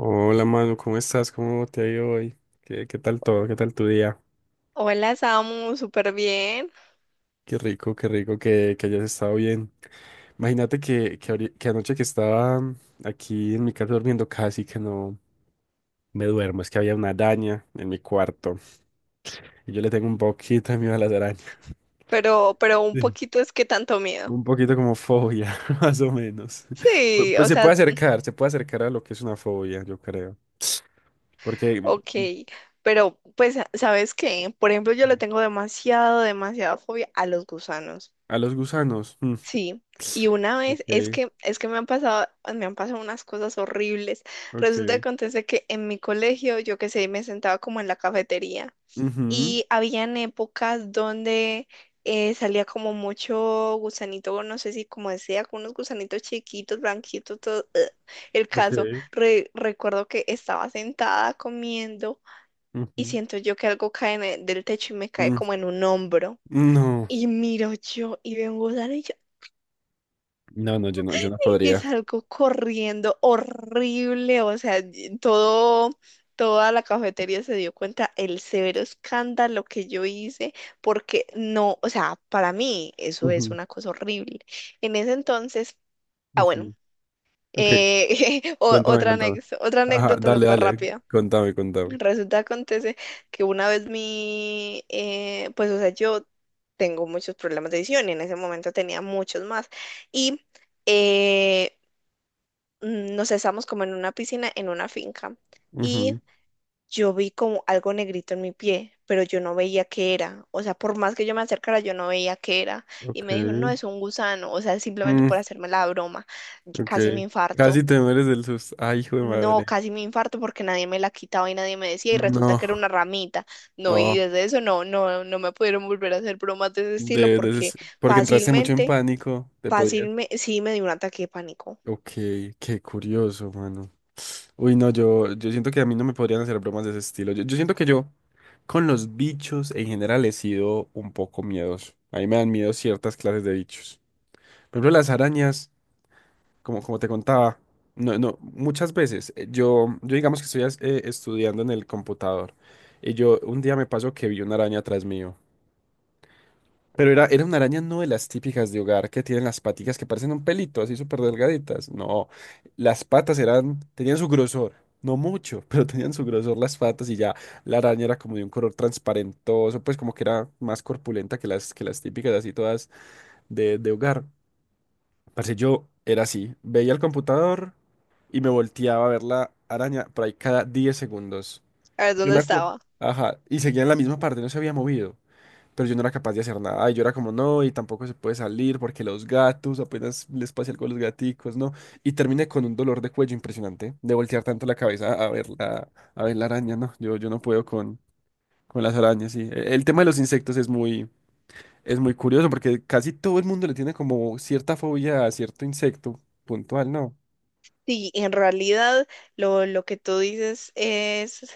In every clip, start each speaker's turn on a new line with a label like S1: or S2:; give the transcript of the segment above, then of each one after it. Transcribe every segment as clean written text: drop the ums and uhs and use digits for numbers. S1: Hola Manu, ¿cómo estás? ¿Cómo te ha ido hoy? ¿Qué tal todo? ¿Qué tal tu día?
S2: Hola, Samu, súper bien,
S1: Qué rico que hayas estado bien. Imagínate que anoche que estaba aquí en mi casa durmiendo casi que no me duermo, es que había una araña en mi cuarto y yo le tengo un poquito de miedo a las arañas.
S2: pero un
S1: Sí.
S2: poquito es que tanto miedo.
S1: Un poquito como fobia, más o menos. Pu-
S2: Sí,
S1: Pues,
S2: o sea,
S1: se puede acercar a lo que es una fobia, yo creo. Porque
S2: ok, pero pues, ¿sabes qué? Por ejemplo, yo le tengo demasiada fobia a los gusanos.
S1: a los gusanos. Mm.
S2: Sí, y una vez
S1: Ok.
S2: es que me han pasado unas cosas horribles. Resulta que
S1: Ok,
S2: acontece que en mi colegio, yo qué sé, me sentaba como en la cafetería.
S1: ujú,
S2: Y habían épocas donde salía como mucho gusanito, no sé si como decía, con unos gusanitos chiquitos, blanquitos, todo. Ugh. El
S1: ok,
S2: caso, recuerdo que estaba sentada comiendo y
S1: ujú,
S2: siento yo que algo cae en del techo y me cae
S1: mm,
S2: como en un hombro.
S1: no,
S2: Y miro yo y veo un gusano
S1: no, no, yo no
S2: y
S1: podría.
S2: salgo corriendo horrible, o sea, y todo, toda la cafetería se dio cuenta el severo escándalo que yo hice, porque no, o sea, para mí eso es
S1: Ujú,
S2: una cosa horrible. En ese entonces, ah, bueno,
S1: ujú. Ok, contame, contame.
S2: otra
S1: Ajá,
S2: anécdota
S1: dale,
S2: súper
S1: dale,
S2: rápida.
S1: contame, contame.
S2: Resulta, acontece que una vez mi, pues, o sea, yo tengo muchos problemas de visión y en ese momento tenía muchos más. Y eh, nos estamos como en una piscina, en una finca, y
S1: Ujú,
S2: yo vi como algo negrito en mi pie, pero yo no veía qué era. O sea, por más que yo me acercara, yo no veía qué era. Y
S1: ok,
S2: me dijo, no, es un gusano. O sea, simplemente
S1: mm,
S2: por hacerme la broma. Y
S1: ok.
S2: casi me infarto.
S1: Casi te mueres del susto. Ay, hijo de
S2: No,
S1: madre.
S2: casi me infarto porque nadie me la quitaba y nadie me decía y resulta que era
S1: No,
S2: una ramita. No, y
S1: oh,
S2: desde eso no me pudieron volver a hacer bromas de ese estilo porque
S1: porque entraste mucho en
S2: fácilmente,
S1: pánico, te podías.
S2: fácilmente, sí me dio un ataque de pánico.
S1: Ok, qué curioso, mano. Uy, no, yo siento que a mí no me podrían hacer bromas de ese estilo. Yo siento que yo con los bichos en general he sido un poco miedoso. A mí me dan miedo ciertas clases de bichos. Por ejemplo, las arañas, como te contaba, no, no, muchas veces yo digamos que estudiando en el computador y yo un día me pasó que vi una araña atrás mío. Pero era una araña no de las típicas de hogar que tienen las paticas que parecen un pelito, así súper delgaditas. No, las patas eran, tenían su grosor, no mucho, pero tenían su grosor las patas y ya la araña era como de un color transparentoso, pues como que era más corpulenta que las típicas, así todas de hogar. Parce, yo era así, veía el computador y me volteaba a ver la araña por ahí cada 10 segundos.
S2: A ver,
S1: Yo
S2: ¿dónde
S1: me acuerdo.
S2: estaba?
S1: Ajá, y seguía en la misma parte, no se había movido pero yo no era capaz de hacer nada. Y yo era como, no, y tampoco se puede salir porque los gatos, apenas les pase algo a los gaticos, ¿no? Y terminé con un dolor de cuello impresionante, de voltear tanto la cabeza a ver la araña, ¿no? Yo no puedo con las arañas, sí. El tema de los insectos es muy curioso porque casi todo el mundo le tiene como cierta fobia a cierto insecto puntual, ¿no?
S2: Sí, en realidad lo que tú dices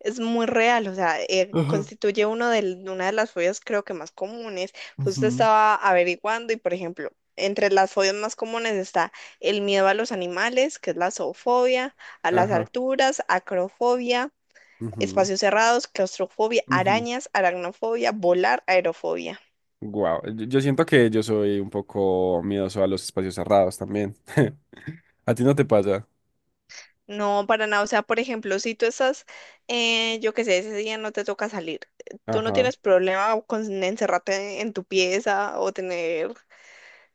S2: es muy real, o sea,
S1: Ajá.
S2: constituye una de las fobias creo que más comunes. Justo
S1: Ujú,
S2: estaba averiguando y, por ejemplo, entre las fobias más comunes está el miedo a los animales, que es la zoofobia, a las
S1: ajá,
S2: alturas, acrofobia,
S1: ujú,
S2: espacios cerrados, claustrofobia,
S1: ujú.
S2: arañas, aracnofobia, volar, aerofobia.
S1: Guau, yo siento que yo soy un poco miedoso a los espacios cerrados también. A ti no te pasa.
S2: No, para nada. O sea, por ejemplo, si tú estás, yo qué sé, ese día no te toca salir, tú no
S1: Ajá.
S2: tienes problema con encerrarte en tu pieza o tener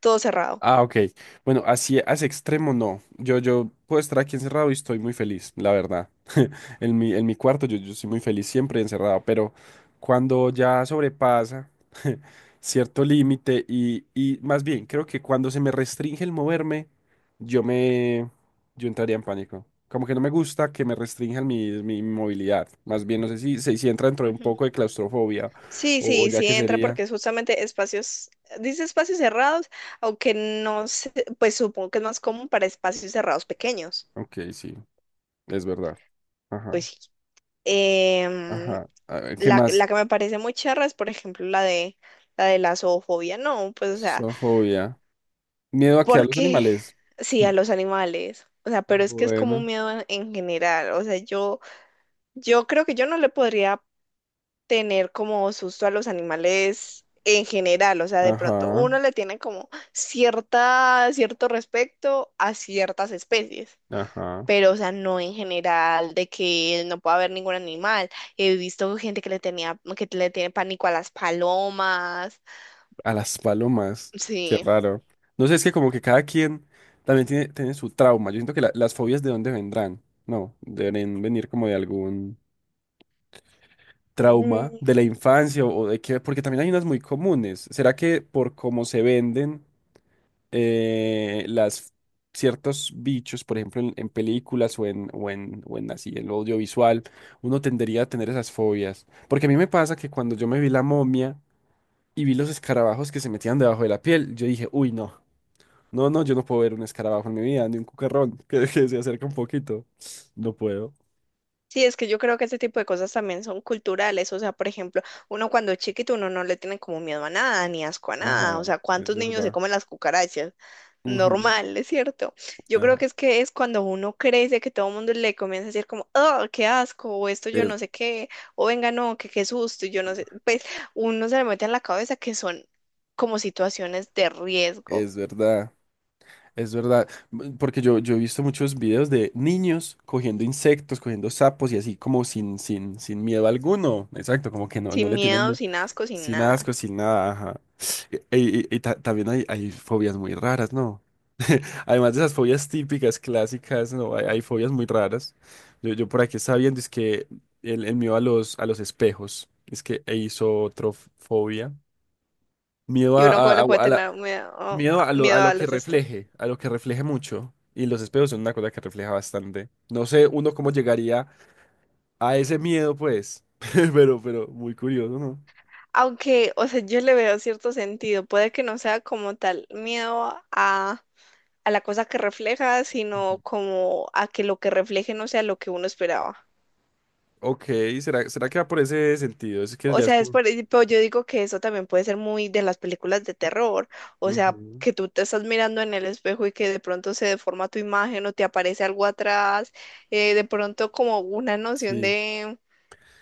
S2: todo cerrado.
S1: Ah, ok. Bueno, así a ese extremo no. Yo puedo estar aquí encerrado y estoy muy feliz, la verdad. En mi cuarto yo soy muy feliz siempre encerrado, pero cuando ya sobrepasa cierto límite y más bien, creo que cuando se me restringe el moverme, yo me, yo entraría en pánico. Como que no me gusta que me restrinjan mi movilidad. Más bien, no sé si entra dentro de un
S2: Ujú.
S1: poco de claustrofobia
S2: Sí,
S1: o
S2: sí,
S1: ya
S2: sí
S1: que
S2: entra
S1: sería.
S2: porque es justamente espacios, dice espacios cerrados, aunque no sé, pues supongo que es más común para espacios cerrados pequeños.
S1: Ok, sí, es verdad. Ajá,
S2: Pues sí. Em,
S1: ajá. A ver, ¿qué
S2: la,
S1: más?
S2: la que me parece muy charra es, por ejemplo, la de la zoofobia, no, pues o sea.
S1: Sofobia. Miedo a que a los
S2: Porque
S1: animales.
S2: sí, a los animales. O sea, pero es que es como un
S1: Bueno,
S2: miedo en general. O sea, yo creo que yo no le podría tener como susto a los animales en general. O sea, de pronto
S1: ajá,
S2: uno le tiene como cierta, cierto respeto a ciertas especies.
S1: ajá.
S2: Pero, o sea, no en general, de que no pueda haber ningún animal. He visto gente que le tenía, que le tiene pánico a las palomas.
S1: A las palomas. Qué
S2: Sí.
S1: raro. No sé, es que como que cada quien también tiene su trauma. Yo siento que las fobias de dónde vendrán. No, deben venir como de algún trauma de la infancia o de qué, porque también hay unas muy comunes. ¿Será que por cómo se venden? Las ciertos bichos, por ejemplo, en películas o en así, en lo audiovisual, uno tendería a tener esas fobias. Porque a mí me pasa que cuando yo me vi la momia y vi los escarabajos que se metían debajo de la piel, yo dije, uy, no, no, no, yo no puedo ver un escarabajo en mi vida, ni un cucarrón que se acerca un poquito. No puedo.
S2: Sí, es que yo creo que este tipo de cosas también son culturales, o sea, por ejemplo, uno cuando es chiquito uno no le tiene como miedo a nada, ni asco a
S1: Ajá,
S2: nada, o sea,
S1: es
S2: ¿cuántos niños se
S1: verdad.
S2: comen las cucarachas?
S1: Ujú,
S2: Normal, es cierto. Yo creo
S1: ajá,
S2: que es cuando uno crece que todo el mundo le comienza a decir como, oh, qué asco, o esto yo
S1: es,
S2: no sé qué, o venga, no, que qué susto, y yo no sé, pues uno se le mete en la cabeza que son como situaciones de riesgo,
S1: es verdad. Es verdad, porque yo he visto muchos videos de niños cogiendo insectos, cogiendo sapos y así como sin miedo alguno. Exacto, como que no, no
S2: sin
S1: le tienen
S2: miedo, sin asco, sin
S1: sin
S2: nada.
S1: asco, sin nada. Ajá. También hay fobias muy raras, ¿no? Además de esas fobias típicas, clásicas, ¿no? Hay fobias muy raras. Yo por aquí estaba viendo, es que el mío a los espejos, es que hizo otra fobia. Miedo
S2: Y uno cómo le puede
S1: a la-
S2: tener miedo,
S1: miedo a
S2: miedo
S1: lo
S2: a
S1: que
S2: los de este.
S1: refleje, a lo que refleje mucho. Y los espejos son una cosa que refleja bastante. No sé uno cómo llegaría a ese miedo, pues. Pero, muy curioso, ¿no?
S2: Aunque, o sea, yo le veo cierto sentido. Puede que no sea como tal miedo a la cosa que refleja, sino como a que lo que refleje no sea lo que uno esperaba.
S1: Ok, ¿será que va por ese sentido? Es que
S2: O
S1: ya es
S2: sea, es
S1: como...
S2: por, pero yo digo que eso también puede ser muy de las películas de terror. O sea,
S1: Ujú,
S2: que tú te estás mirando en el espejo y que de pronto se deforma tu imagen o te aparece algo atrás. De pronto como una noción
S1: sí,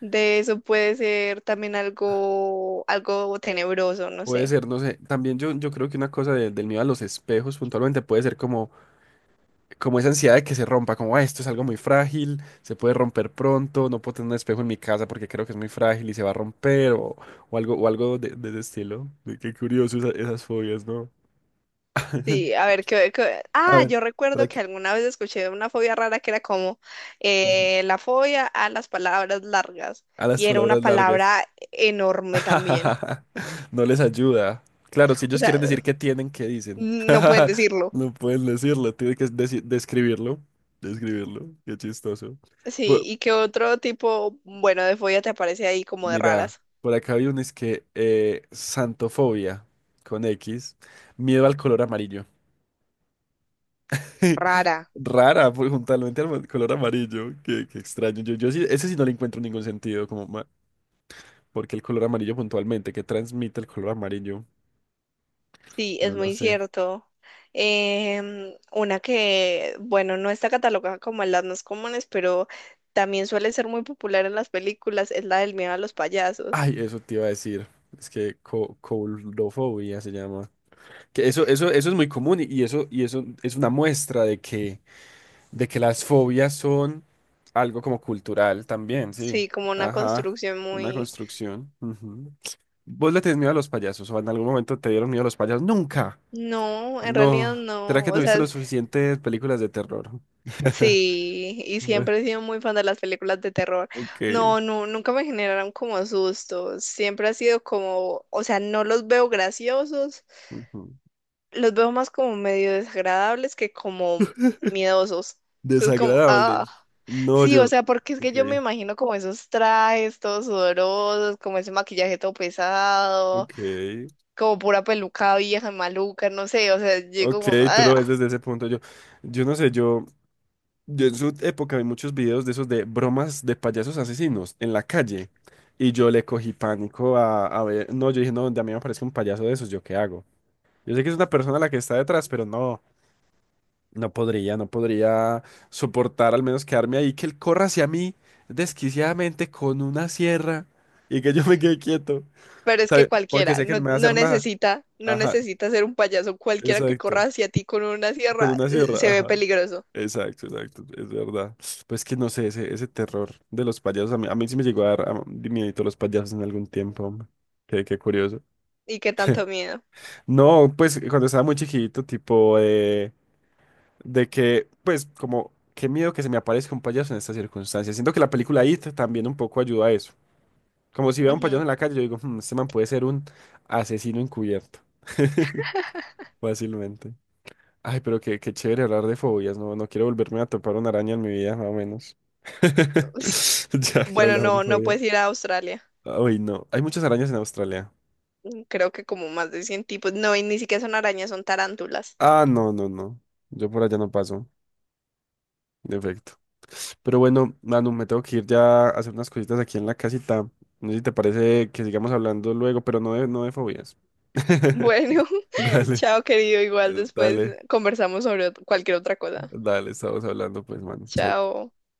S2: de eso puede ser también algo, algo tenebroso, no
S1: puede
S2: sé.
S1: ser, no sé. También yo creo que una cosa del miedo a los espejos puntualmente puede ser como como esa ansiedad de que se rompa, como "Ah, esto es algo muy frágil, se puede romper pronto, no puedo tener un espejo en mi casa porque creo que es muy frágil y se va a romper o algo, o algo de ese estilo. Qué curioso esas fobias, ¿no?
S2: Sí, a ver, ¿qué, qué-
S1: A
S2: Ah,
S1: ver,
S2: yo
S1: ¿para
S2: recuerdo que
S1: qué?
S2: alguna vez escuché una fobia rara que era como la fobia a las palabras largas
S1: A las
S2: y era una
S1: palabras largas.
S2: palabra enorme también.
S1: No les ayuda. Claro, si
S2: O
S1: ellos quieren
S2: sea,
S1: decir qué tienen, ¿qué dicen?
S2: no pueden decirlo.
S1: No pueden decirlo, tienen que describirlo. Describirlo, qué chistoso.
S2: Sí,
S1: Bu-
S2: ¿y qué otro tipo, bueno, de fobia te aparece ahí como de
S1: Mira,
S2: raras?
S1: por acá hay un es que santofobia con X, miedo al color amarillo.
S2: Rara.
S1: Rara, pues, juntamente al color amarillo, qué extraño. Yo sí, ese sí no le encuentro ningún sentido, porque el color amarillo puntualmente, ¿qué transmite el color amarillo?
S2: Sí, es
S1: No lo
S2: muy
S1: sé.
S2: cierto. Una que, bueno, no está catalogada como en las más comunes, pero también suele ser muy popular en las películas, es la del miedo a los payasos.
S1: Ay, eso te iba a decir. Es que co coulrofobia se llama. Que eso es muy común y eso es una muestra de que las fobias son algo como cultural también, sí.
S2: Sí, como una
S1: Ajá,
S2: construcción
S1: una
S2: muy...
S1: construcción. Ujú. ¿Vos le tenés miedo a los payasos o en algún momento te dieron miedo a los payasos? Nunca.
S2: No, en realidad
S1: No. ¿Será
S2: no.
S1: que no
S2: O sea,
S1: viste lo
S2: es-
S1: suficientes películas de terror?
S2: sí, y
S1: Bueno,
S2: siempre he sido muy fan de las películas de terror.
S1: ok,
S2: No, no, nunca me generaron como sustos. Siempre ha sido como, o sea, no los veo graciosos,
S1: ujú.
S2: los veo más como medio desagradables que como miedosos. Es como, ah.
S1: Desagradables. No,
S2: Sí, o
S1: yo.
S2: sea, porque es que
S1: Ok,
S2: yo me imagino como esos trajes todos sudorosos, como ese maquillaje todo pesado.
S1: ok,
S2: Como pura peluca vieja, maluca, no sé, o sea, llego
S1: ok,
S2: como,
S1: tú
S2: "Ah",
S1: lo ves desde ese punto. Yo no sé, yo. Yo en su época vi muchos videos de esos de bromas de payasos asesinos en la calle y yo le cogí pánico a ver, no, yo dije, no, donde a mí me aparece un payaso de esos, ¿yo qué hago? Yo sé que es una persona la que está detrás, pero no, no podría soportar al menos quedarme ahí, que él corra hacia mí desquiciadamente con una sierra y que yo me quede quieto,
S2: pero es que
S1: ¿sabe? Porque
S2: cualquiera,
S1: sé que
S2: no,
S1: no me va a
S2: no
S1: hacer nada.
S2: necesita, no
S1: Ajá,
S2: necesita ser un payaso, cualquiera que corra
S1: exacto.
S2: hacia ti con una
S1: Con
S2: sierra
S1: una sierra,
S2: se ve
S1: ajá.
S2: peligroso.
S1: Exacto, exacto, es verdad. Pues que no sé, ese terror de los payasos, a mí sí me llegó a dar miedito los payasos en algún tiempo, hombre. Qué curioso.
S2: Y qué tanto miedo.
S1: No, pues cuando estaba muy chiquito, tipo, de que, pues, como, qué miedo que se me aparezca un payaso en estas circunstancias. Siento que la película It también un poco ayuda a eso. Como si veo a un payaso
S2: Ujú.
S1: en la calle, yo digo, "Hmm, este man puede ser un asesino encubierto, fácilmente. Ay, pero qué chévere hablar de fobias, no quiero volverme a topar una araña en mi vida, más o menos. Ya que
S2: Bueno,
S1: hablamos de
S2: no, no
S1: fobias.
S2: puedes ir a Australia.
S1: Ay, no, hay muchas arañas en Australia.
S2: Creo que como más de 100 tipos. No, y ni siquiera son arañas, son tarántulas.
S1: Ah, no, no, no. Yo por allá no paso, de efecto. Pero bueno, Manu, me tengo que ir ya a hacer unas cositas aquí en la casita. No sé si te parece que sigamos hablando luego, pero no de, no de fobias.
S2: Bueno,
S1: Dale,
S2: chao querido, igual después
S1: dale,
S2: conversamos sobre cualquier otra cosa.
S1: dale, estamos hablando pues, Manu. Chaito.
S2: Chao.